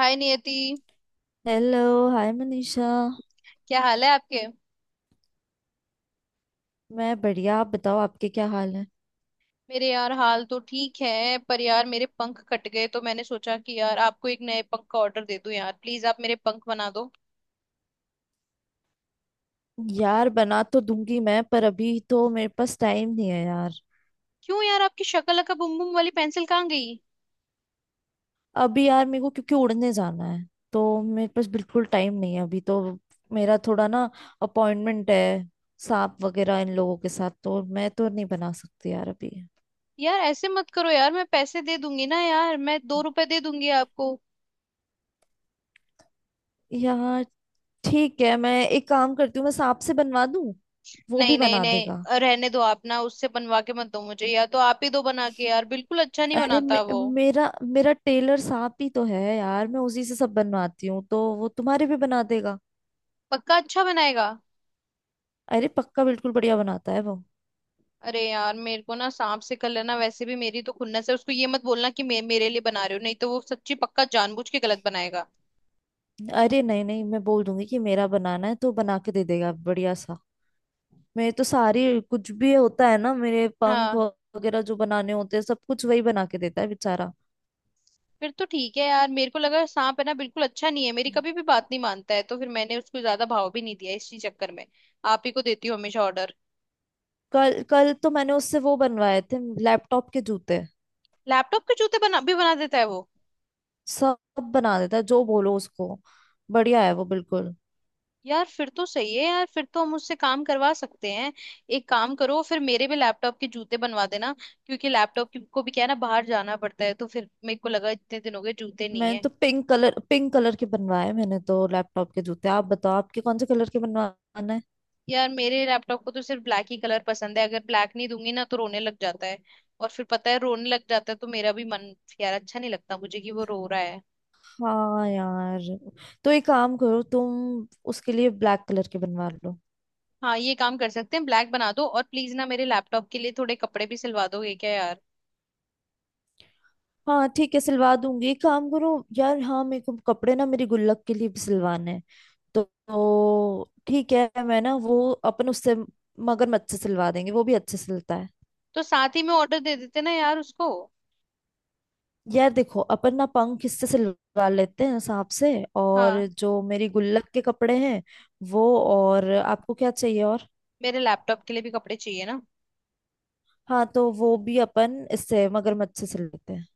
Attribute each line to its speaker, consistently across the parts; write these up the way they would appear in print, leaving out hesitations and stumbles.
Speaker 1: हाय Niyati.
Speaker 2: Hello. Hi Manisha.
Speaker 1: क्या हाल है आपके।
Speaker 2: मैं बढ़िया, आप बताओ, आपके क्या हाल है।
Speaker 1: मेरे यार हाल तो ठीक है पर यार मेरे पंख कट गए तो मैंने सोचा कि यार आपको एक नए पंख का ऑर्डर दे दूं यार प्लीज आप मेरे पंख बना दो।
Speaker 2: यार बना तो दूंगी मैं, पर अभी तो मेरे पास टाइम नहीं है यार।
Speaker 1: क्यों यार आपकी शक्ल अका बुम बुम वाली पेंसिल कहाँ गई।
Speaker 2: अभी यार मेरे को क्योंकि उड़ने जाना है, तो मेरे पास बिल्कुल टाइम नहीं है अभी तो। मेरा थोड़ा ना अपॉइंटमेंट है। सांप वगैरह इन लोगों के साथ तो मैं तो नहीं बना सकती यार अभी।
Speaker 1: यार ऐसे मत करो यार मैं पैसे दे दूंगी ना यार मैं 2 रुपए दे दूंगी आपको।
Speaker 2: यार ठीक है, मैं एक काम करती हूँ, मैं सांप से बनवा दूँ, वो
Speaker 1: नहीं
Speaker 2: भी
Speaker 1: नहीं
Speaker 2: बना देगा।
Speaker 1: नहीं रहने दो आप ना उससे बनवा के मत दो मुझे या तो आप ही दो बना के यार बिल्कुल अच्छा नहीं
Speaker 2: अरे
Speaker 1: बनाता
Speaker 2: मे,
Speaker 1: वो।
Speaker 2: मेरा मेरा टेलर साहब ही तो है यार, मैं उसी से सब बनवाती हूँ, तो वो तुम्हारे भी बना देगा।
Speaker 1: पक्का अच्छा बनाएगा।
Speaker 2: अरे पक्का बिल्कुल बढ़िया बनाता है वो।
Speaker 1: अरे यार मेरे को ना सांप से कर लेना वैसे भी मेरी तो खुन्नस है उसको ये मत बोलना कि मेरे लिए बना रहे हो नहीं तो वो सच्ची पक्का जानबूझ के गलत बनाएगा।
Speaker 2: अरे नहीं नहीं, मैं बोल दूंगी कि मेरा बनाना है, तो बना के दे देगा बढ़िया सा। मेरे तो सारी कुछ भी होता है ना, मेरे पंख
Speaker 1: हाँ।
Speaker 2: वगैरह जो बनाने होते हैं सब कुछ वही बना के देता है बेचारा।
Speaker 1: फिर तो ठीक है यार मेरे को लगा सांप है ना बिल्कुल अच्छा नहीं है मेरी कभी भी बात नहीं मानता है तो फिर मैंने उसको ज्यादा भाव भी नहीं दिया इसी चक्कर में। आप ही को देती हूँ हमेशा ऑर्डर।
Speaker 2: कल कल तो मैंने उससे वो बनवाए थे लैपटॉप के जूते।
Speaker 1: लैपटॉप के जूते बना भी बना देता है वो।
Speaker 2: सब बना देता है, जो बोलो उसको। बढ़िया है वो बिल्कुल।
Speaker 1: यार फिर तो सही है यार फिर तो हम उससे काम करवा सकते हैं। एक काम करो फिर मेरे भी लैपटॉप के जूते बनवा देना। क्योंकि लैपटॉप को भी क्या है ना बाहर जाना पड़ता है तो फिर मेरे को लगा इतने दिन हो गए जूते नहीं
Speaker 2: मैंने
Speaker 1: है।
Speaker 2: तो पिंक कलर के बनवाए मैंने तो लैपटॉप के जूते। आप बताओ, आपके कौन से कलर के बनवाना है।
Speaker 1: यार मेरे लैपटॉप को तो सिर्फ ब्लैक ही कलर पसंद है अगर ब्लैक नहीं दूंगी ना तो रोने लग जाता है। और फिर पता है रोने लग जाता है तो मेरा भी मन यार अच्छा नहीं लगता मुझे कि वो रो रहा है।
Speaker 2: हाँ यार, तो एक काम करो, तुम उसके लिए ब्लैक कलर के बनवा लो।
Speaker 1: हाँ ये काम कर सकते हैं ब्लैक बना दो और प्लीज ना मेरे लैपटॉप के लिए थोड़े कपड़े भी सिलवा दोगे क्या यार।
Speaker 2: हाँ ठीक है, सिलवा दूंगी, एक काम करो। यार हाँ, मेरे को कपड़े ना मेरी गुल्लक के लिए भी सिलवाने हैं, तो ठीक है, मैं ना वो अपन उससे मगरमच्छ से सिलवा देंगे, वो भी अच्छे सिलता है।
Speaker 1: तो साथ ही में ऑर्डर दे देते ना यार उसको।
Speaker 2: यार देखो, अपन ना पंख किससे से लगा लेते हैं, सांप से। और
Speaker 1: हाँ
Speaker 2: जो मेरी गुल्लक के कपड़े हैं वो, और आपको क्या चाहिए और।
Speaker 1: मेरे लैपटॉप के लिए भी कपड़े चाहिए ना।
Speaker 2: हाँ तो वो भी अपन इससे मगरमच्छ से सिल लेते हैं।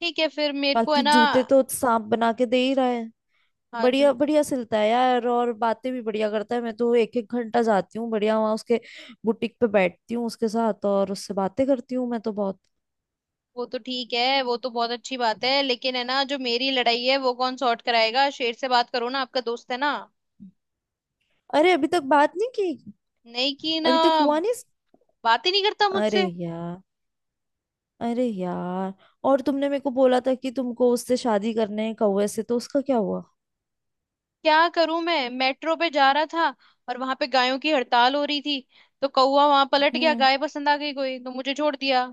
Speaker 1: ठीक है फिर मेरे को है
Speaker 2: बाकी
Speaker 1: ना।
Speaker 2: जूते तो सांप बना के दे ही रहा है।
Speaker 1: हाँ जू
Speaker 2: बढ़िया बढ़िया सिलता है यार, और बातें भी बढ़िया करता है। मैं तो एक एक घंटा जाती हूँ बढ़िया वहां उसके बुटीक पे, बैठती हूँ उसके साथ और उससे बातें करती हूँ मैं तो बहुत।
Speaker 1: वो तो ठीक है वो तो बहुत अच्छी बात है लेकिन है ना जो मेरी लड़ाई है वो कौन सॉर्ट कराएगा शेर से बात करो ना आपका दोस्त है ना।
Speaker 2: अरे अभी तक बात नहीं की।
Speaker 1: नहीं कि ना।
Speaker 2: अभी तक हुआ नहीं।
Speaker 1: बात ही नहीं करता
Speaker 2: अरे
Speaker 1: मुझसे।
Speaker 2: यार। अरे यार। और तुमने मेरे को बोला था कि तुमको उससे शादी करने है कौवे से, तो उसका क्या हुआ।
Speaker 1: क्या करूं मैं मेट्रो पे जा रहा था और वहां पे गायों की हड़ताल हो रही थी तो कौवा वहां पलट गया
Speaker 2: हम्म।
Speaker 1: गाय पसंद आ गई कोई तो मुझे छोड़ दिया।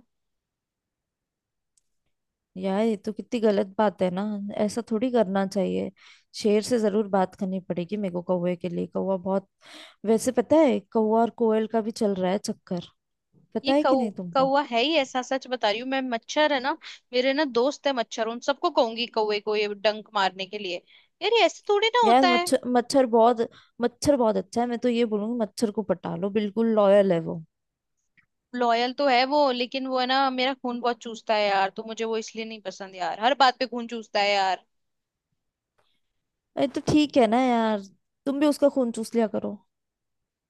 Speaker 2: यार ये तो कितनी गलत बात है ना। ऐसा थोड़ी करना चाहिए। शेर
Speaker 1: ये
Speaker 2: से जरूर बात करनी पड़ेगी मेरे को कौवे के लिए, कौवा बहुत। वैसे पता है, कौवा और कोयल का भी चल रहा है चक्कर।
Speaker 1: ये
Speaker 2: पता है
Speaker 1: कौ
Speaker 2: कि नहीं तुमको।
Speaker 1: कौवा है ही ऐसा सच बता रही हूँ मैं मच्छर है ना। मेरे ना दोस्त है मच्छर उन सबको कहूंगी कौवे को ये डंक मारने के लिए। यार ये ऐसे थोड़ी ना होता
Speaker 2: यार
Speaker 1: है।
Speaker 2: मच्छर मच्छर बहुत, मच्छर बहुत अच्छा है। मैं तो ये बोलूंगी, मच्छर को पटा लो, बिल्कुल लॉयल है वो।
Speaker 1: लॉयल तो है वो लेकिन वो है ना मेरा खून बहुत चूसता है यार तो मुझे वो इसलिए नहीं पसंद यार हर बात पे खून चूसता है यार।
Speaker 2: अरे तो ठीक है ना यार, तुम भी उसका खून चूस लिया करो।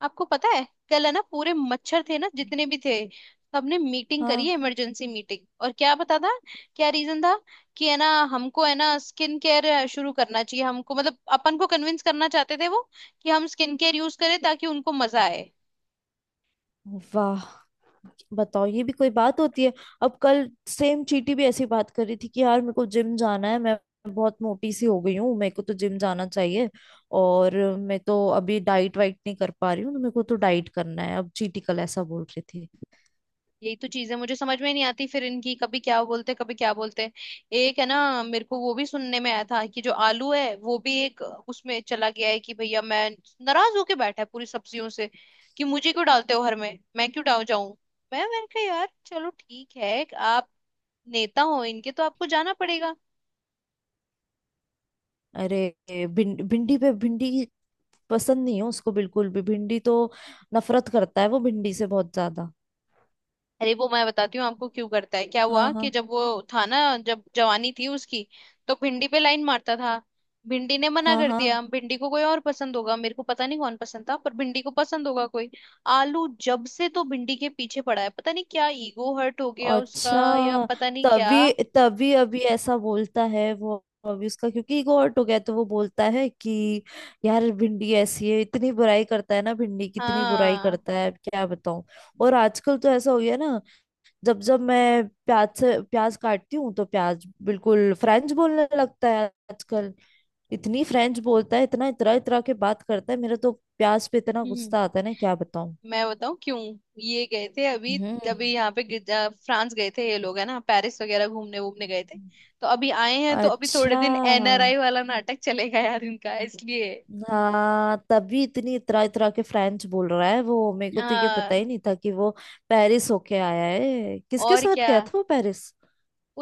Speaker 1: आपको पता है कल है ना पूरे मच्छर थे ना जितने भी थे सबने मीटिंग करी है
Speaker 2: हाँ।
Speaker 1: इमरजेंसी मीटिंग और क्या पता था क्या रीजन था कि है ना हमको है ना स्किन केयर शुरू करना चाहिए हमको मतलब अपन को कन्विंस करना चाहते थे वो कि हम स्किन केयर यूज करें ताकि उनको मजा आए।
Speaker 2: वाह। बताओ, ये भी कोई बात होती है। अब कल सेम चीटी भी ऐसी बात कर रही थी कि यार मेरे को जिम जाना है, मैं बहुत मोटी सी हो गई हूँ, मेरे को तो जिम जाना चाहिए। और मैं तो अभी डाइट वाइट नहीं कर पा रही हूँ, तो मेरे को तो डाइट करना है। अब चीटी कल ऐसा बोल रही थी।
Speaker 1: यही तो चीजें मुझे समझ में नहीं आती फिर इनकी कभी क्या बोलते कभी क्या बोलते। एक है ना मेरे को वो भी सुनने में आया था कि जो आलू है वो भी एक उसमें चला गया है कि भैया मैं नाराज होके बैठा है पूरी सब्जियों से कि मुझे क्यों डालते हो हर में मैं क्यों डाल जाऊं। मैंने कहा यार चलो ठीक है आप नेता हो इनके तो आपको जाना पड़ेगा।
Speaker 2: अरे भिंडी पे भिंडी पसंद नहीं है उसको बिल्कुल भी, भिंडी तो नफरत करता है वो भिंडी से बहुत ज्यादा।
Speaker 1: अरे वो मैं बताती हूँ आपको क्यों करता है क्या
Speaker 2: हाँ
Speaker 1: हुआ कि
Speaker 2: हाँ।
Speaker 1: जब वो था ना जब जवानी थी उसकी तो भिंडी पे लाइन मारता था भिंडी ने मना
Speaker 2: हाँ
Speaker 1: कर
Speaker 2: हाँ।
Speaker 1: दिया भिंडी को कोई और पसंद होगा मेरे को पता नहीं कौन पसंद था पर भिंडी को पसंद होगा कोई। आलू जब से तो भिंडी के पीछे पड़ा है पता नहीं क्या ईगो हर्ट हो गया उसका या
Speaker 2: अच्छा।
Speaker 1: पता नहीं क्या।
Speaker 2: तभी तभी अभी ऐसा बोलता है वो। अभी उसका क्योंकि ईगो हर्ट हो गया, तो वो बोलता है कि यार भिंडी ऐसी है, इतनी बुराई करता है ना भिंडी, कितनी बुराई
Speaker 1: हाँ।
Speaker 2: करता है, क्या बताऊं। और आजकल तो ऐसा हो गया ना, जब जब मैं प्याज से प्याज काटती हूँ, तो प्याज बिल्कुल फ्रेंच बोलने लगता है आजकल। इतनी फ्रेंच बोलता है, इतना इतरा इतरा के बात करता है, मेरा तो प्याज पे इतना
Speaker 1: हम्म
Speaker 2: गुस्सा आता है ना, क्या बताऊं।
Speaker 1: मैं बताऊं क्यों। ये गए थे अभी
Speaker 2: हम्म।
Speaker 1: अभी यहाँ पे फ्रांस गए थे ये लोग है ना पेरिस वगैरह घूमने वूमने गए थे। तो अभी आए हैं तो अभी थोड़े
Speaker 2: अच्छा।
Speaker 1: दिन एनआरआई वाला नाटक चलेगा यार इनका इसलिए।
Speaker 2: हाँ तभी इतनी इतरा इतरा के फ्रेंच बोल रहा है वो। मेरे को तो ये पता
Speaker 1: हाँ
Speaker 2: ही नहीं था कि वो पेरिस होके आया है। किसके
Speaker 1: और
Speaker 2: साथ
Speaker 1: क्या
Speaker 2: गया था वो पेरिस।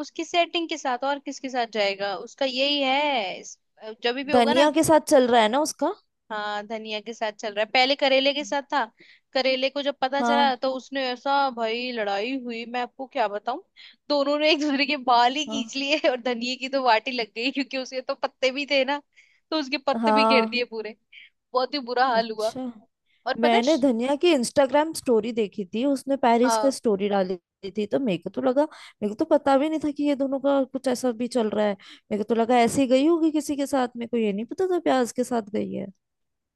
Speaker 1: उसकी सेटिंग के साथ और किसके साथ जाएगा उसका यही है जब भी होगा ना।
Speaker 2: धनिया के साथ चल रहा है ना उसका।
Speaker 1: हाँ धनिया के साथ चल रहा है पहले करेले के साथ था। करेले को जब पता चला
Speaker 2: हाँ।
Speaker 1: तो उसने ऐसा भाई लड़ाई हुई मैं आपको क्या बताऊं। दोनों ने एक दूसरे के बाल ही
Speaker 2: हाँ
Speaker 1: खींच लिए और धनिये की तो वाटी लग गई क्योंकि उसके तो पत्ते भी थे ना। तो उसके पत्ते भी घेर
Speaker 2: हाँ।
Speaker 1: दिए पूरे। बहुत ही बुरा हाल हुआ।
Speaker 2: अच्छा।
Speaker 1: और पता है
Speaker 2: मैंने धनिया की इंस्टाग्राम स्टोरी देखी थी, उसने पेरिस का
Speaker 1: हाँ।
Speaker 2: स्टोरी डाली थी, तो मेरे को तो लगा, मेरे को तो पता भी नहीं था कि ये दोनों का कुछ ऐसा भी चल रहा है। मेरे को तो लगा ऐसे ही गई होगी किसी के साथ, मेरे को ये नहीं पता था प्याज के साथ गई है।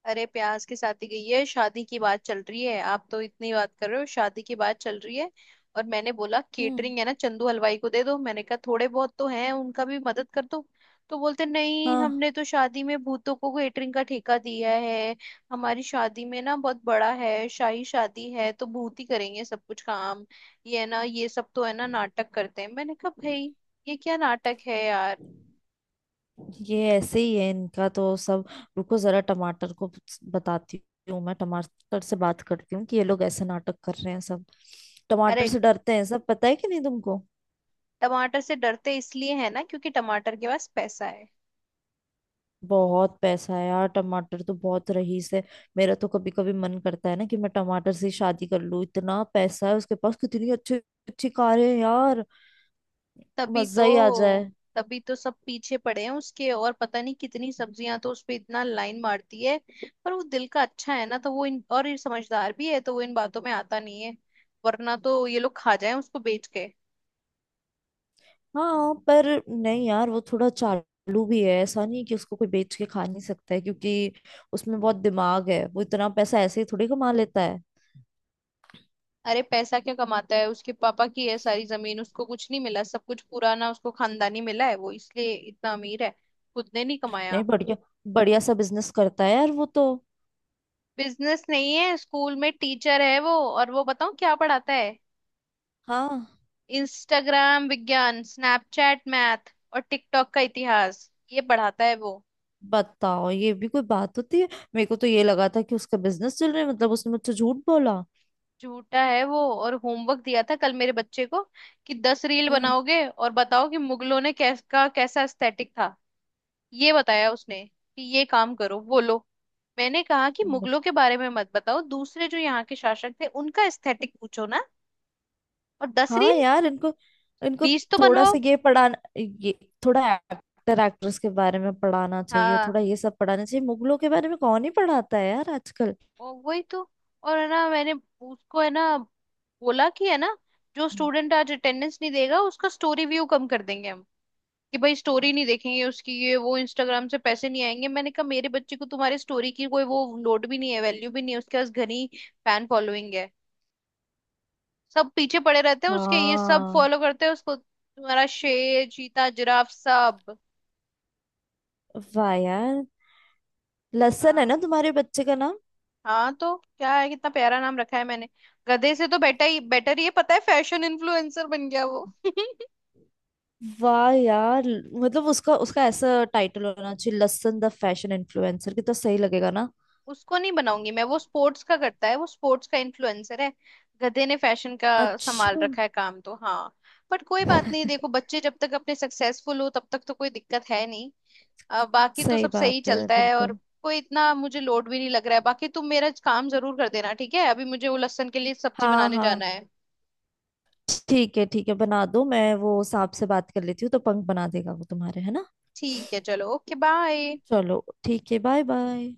Speaker 1: अरे प्यास की शादी गई है शादी की बात चल रही है आप तो इतनी बात कर रहे हो शादी की बात चल रही है। और मैंने बोला
Speaker 2: हम्म।
Speaker 1: केटरिंग है ना चंदू हलवाई को दे दो मैंने कहा थोड़े बहुत तो हैं उनका भी मदद कर दो। तो बोलते नहीं
Speaker 2: हाँ
Speaker 1: हमने तो शादी में भूतों को केटरिंग का ठेका दिया है। हमारी शादी में ना बहुत बड़ा है शाही शादी है तो भूत ही करेंगे सब कुछ काम। ये है ना ये सब तो है ना नाटक करते हैं मैंने कहा भाई ये क्या नाटक है यार।
Speaker 2: ये ऐसे ही है इनका तो सब। रुको, जरा टमाटर को बताती हूँ मैं, टमाटर से बात करती हूँ कि ये लोग ऐसे नाटक कर रहे हैं सब। टमाटर
Speaker 1: अरे
Speaker 2: से डरते हैं सब, पता है कि नहीं तुमको।
Speaker 1: टमाटर से डरते इसलिए है ना क्योंकि टमाटर के पास पैसा है।
Speaker 2: बहुत पैसा है यार टमाटर तो, बहुत रईस है। मेरा तो कभी कभी मन करता है ना कि मैं टमाटर से ही शादी कर लूँ, इतना पैसा है उसके पास, कितनी अच्छी अच्छी कारें हैं यार।
Speaker 1: तभी तो।
Speaker 2: मजा ही आ जाए।
Speaker 1: तभी तो सब पीछे पड़े हैं उसके और पता नहीं कितनी सब्जियां तो उस पे इतना लाइन मारती है। पर वो दिल का अच्छा है ना तो वो इन और ये समझदार भी है तो वो इन बातों में आता नहीं है वरना तो ये लोग खा जाए उसको बेच के।
Speaker 2: हाँ पर नहीं यार, वो थोड़ा चालू भी है, ऐसा नहीं कि उसको कोई बेच के खा नहीं सकता है, क्योंकि उसमें बहुत दिमाग है, वो इतना पैसा ऐसे ही थोड़ी कमा लेता है।
Speaker 1: अरे पैसा क्या कमाता है उसके पापा की है सारी जमीन उसको कुछ नहीं मिला सब कुछ पुराना उसको खानदानी मिला है वो इसलिए इतना अमीर है खुद ने नहीं
Speaker 2: नहीं
Speaker 1: कमाया।
Speaker 2: बढ़िया बढ़िया सा बिजनेस करता है यार वो तो।
Speaker 1: बिजनेस नहीं है स्कूल में टीचर है वो और वो बताऊं क्या पढ़ाता है।
Speaker 2: हाँ।
Speaker 1: इंस्टाग्राम विज्ञान स्नैपचैट मैथ और टिकटॉक का इतिहास ये पढ़ाता है वो।
Speaker 2: बताओ, ये भी कोई बात होती है। मेरे को तो ये लगा था कि उसका बिजनेस चल रहा है, मतलब उसने मुझसे झूठ बोला।
Speaker 1: झूठा है वो और होमवर्क दिया था कल मेरे बच्चे को कि 10 रील
Speaker 2: हम्म।
Speaker 1: बनाओगे और बताओ कि मुगलों ने कैसा एस्थेटिक था। ये बताया उसने कि ये काम करो बोलो। मैंने कहा कि
Speaker 2: बत-
Speaker 1: मुगलों के बारे में मत बताओ दूसरे जो यहाँ के शासक थे उनका एस्थेटिक पूछो ना। और दस
Speaker 2: हाँ
Speaker 1: रील
Speaker 2: यार, इनको इनको
Speaker 1: 20 तो
Speaker 2: थोड़ा
Speaker 1: बनवाओ।
Speaker 2: सा ये पढ़ाना, ये थोड़ा एक्टर एक्ट्रेस के बारे में पढ़ाना चाहिए, थोड़ा
Speaker 1: हाँ
Speaker 2: ये सब पढ़ाना चाहिए। मुगलों के बारे में कौन ही पढ़ाता है यार आजकल।
Speaker 1: और वही तो और है ना मैंने उसको है ना बोला कि है ना जो स्टूडेंट आज अटेंडेंस नहीं देगा उसका स्टोरी व्यू कम कर देंगे हम कि भाई स्टोरी नहीं देखेंगे उसकी ये वो इंस्टाग्राम से पैसे नहीं आएंगे मैंने कहा मेरे बच्चे को तुम्हारी स्टोरी की कोई वो लोड भी नहीं है वैल्यू भी नहीं है उसके पास घनी फैन फॉलोइंग है। सब पीछे पड़े रहते हैं उसके ये सब
Speaker 2: हाँ।
Speaker 1: फॉलो करते हैं उसको तुम्हारा शेर चीता जिराफ सब।
Speaker 2: वाह यार। लसन है
Speaker 1: हाँ
Speaker 2: ना तुम्हारे बच्चे का नाम।
Speaker 1: हाँ तो क्या है कितना प्यारा नाम रखा है मैंने। गधे से तो बेटा ही बेटर ही है पता है फैशन इन्फ्लुएंसर बन गया वो
Speaker 2: वाह यार, मतलब उसका उसका ऐसा टाइटल होना चाहिए, लसन द फैशन इन्फ्लुएंसर, कितना सही लगेगा ना।
Speaker 1: उसको नहीं बनाऊंगी मैं वो स्पोर्ट्स का करता है वो स्पोर्ट्स का इन्फ्लुएंसर है। गधे ने फैशन का संभाल
Speaker 2: अच्छा।
Speaker 1: रखा है काम तो हाँ। बट कोई बात नहीं देखो बच्चे जब तक अपने सक्सेसफुल हो तब तक तो कोई दिक्कत है नहीं। बाकी तो
Speaker 2: सही
Speaker 1: सब सही
Speaker 2: बात है
Speaker 1: चलता है और
Speaker 2: बिल्कुल।
Speaker 1: कोई इतना मुझे लोड भी नहीं लग रहा है बाकी तुम मेरा काम जरूर कर देना ठीक है अभी मुझे वो लहसुन के लिए सब्जी
Speaker 2: हाँ
Speaker 1: बनाने
Speaker 2: हाँ,
Speaker 1: जाना है।
Speaker 2: ठीक है ठीक है, बना दो। मैं वो सांप से बात कर लेती हूँ तो पंख बना देगा वो तुम्हारे, है ना।
Speaker 1: ठीक है चलो ओके बाय।
Speaker 2: चलो ठीक है, बाय बाय।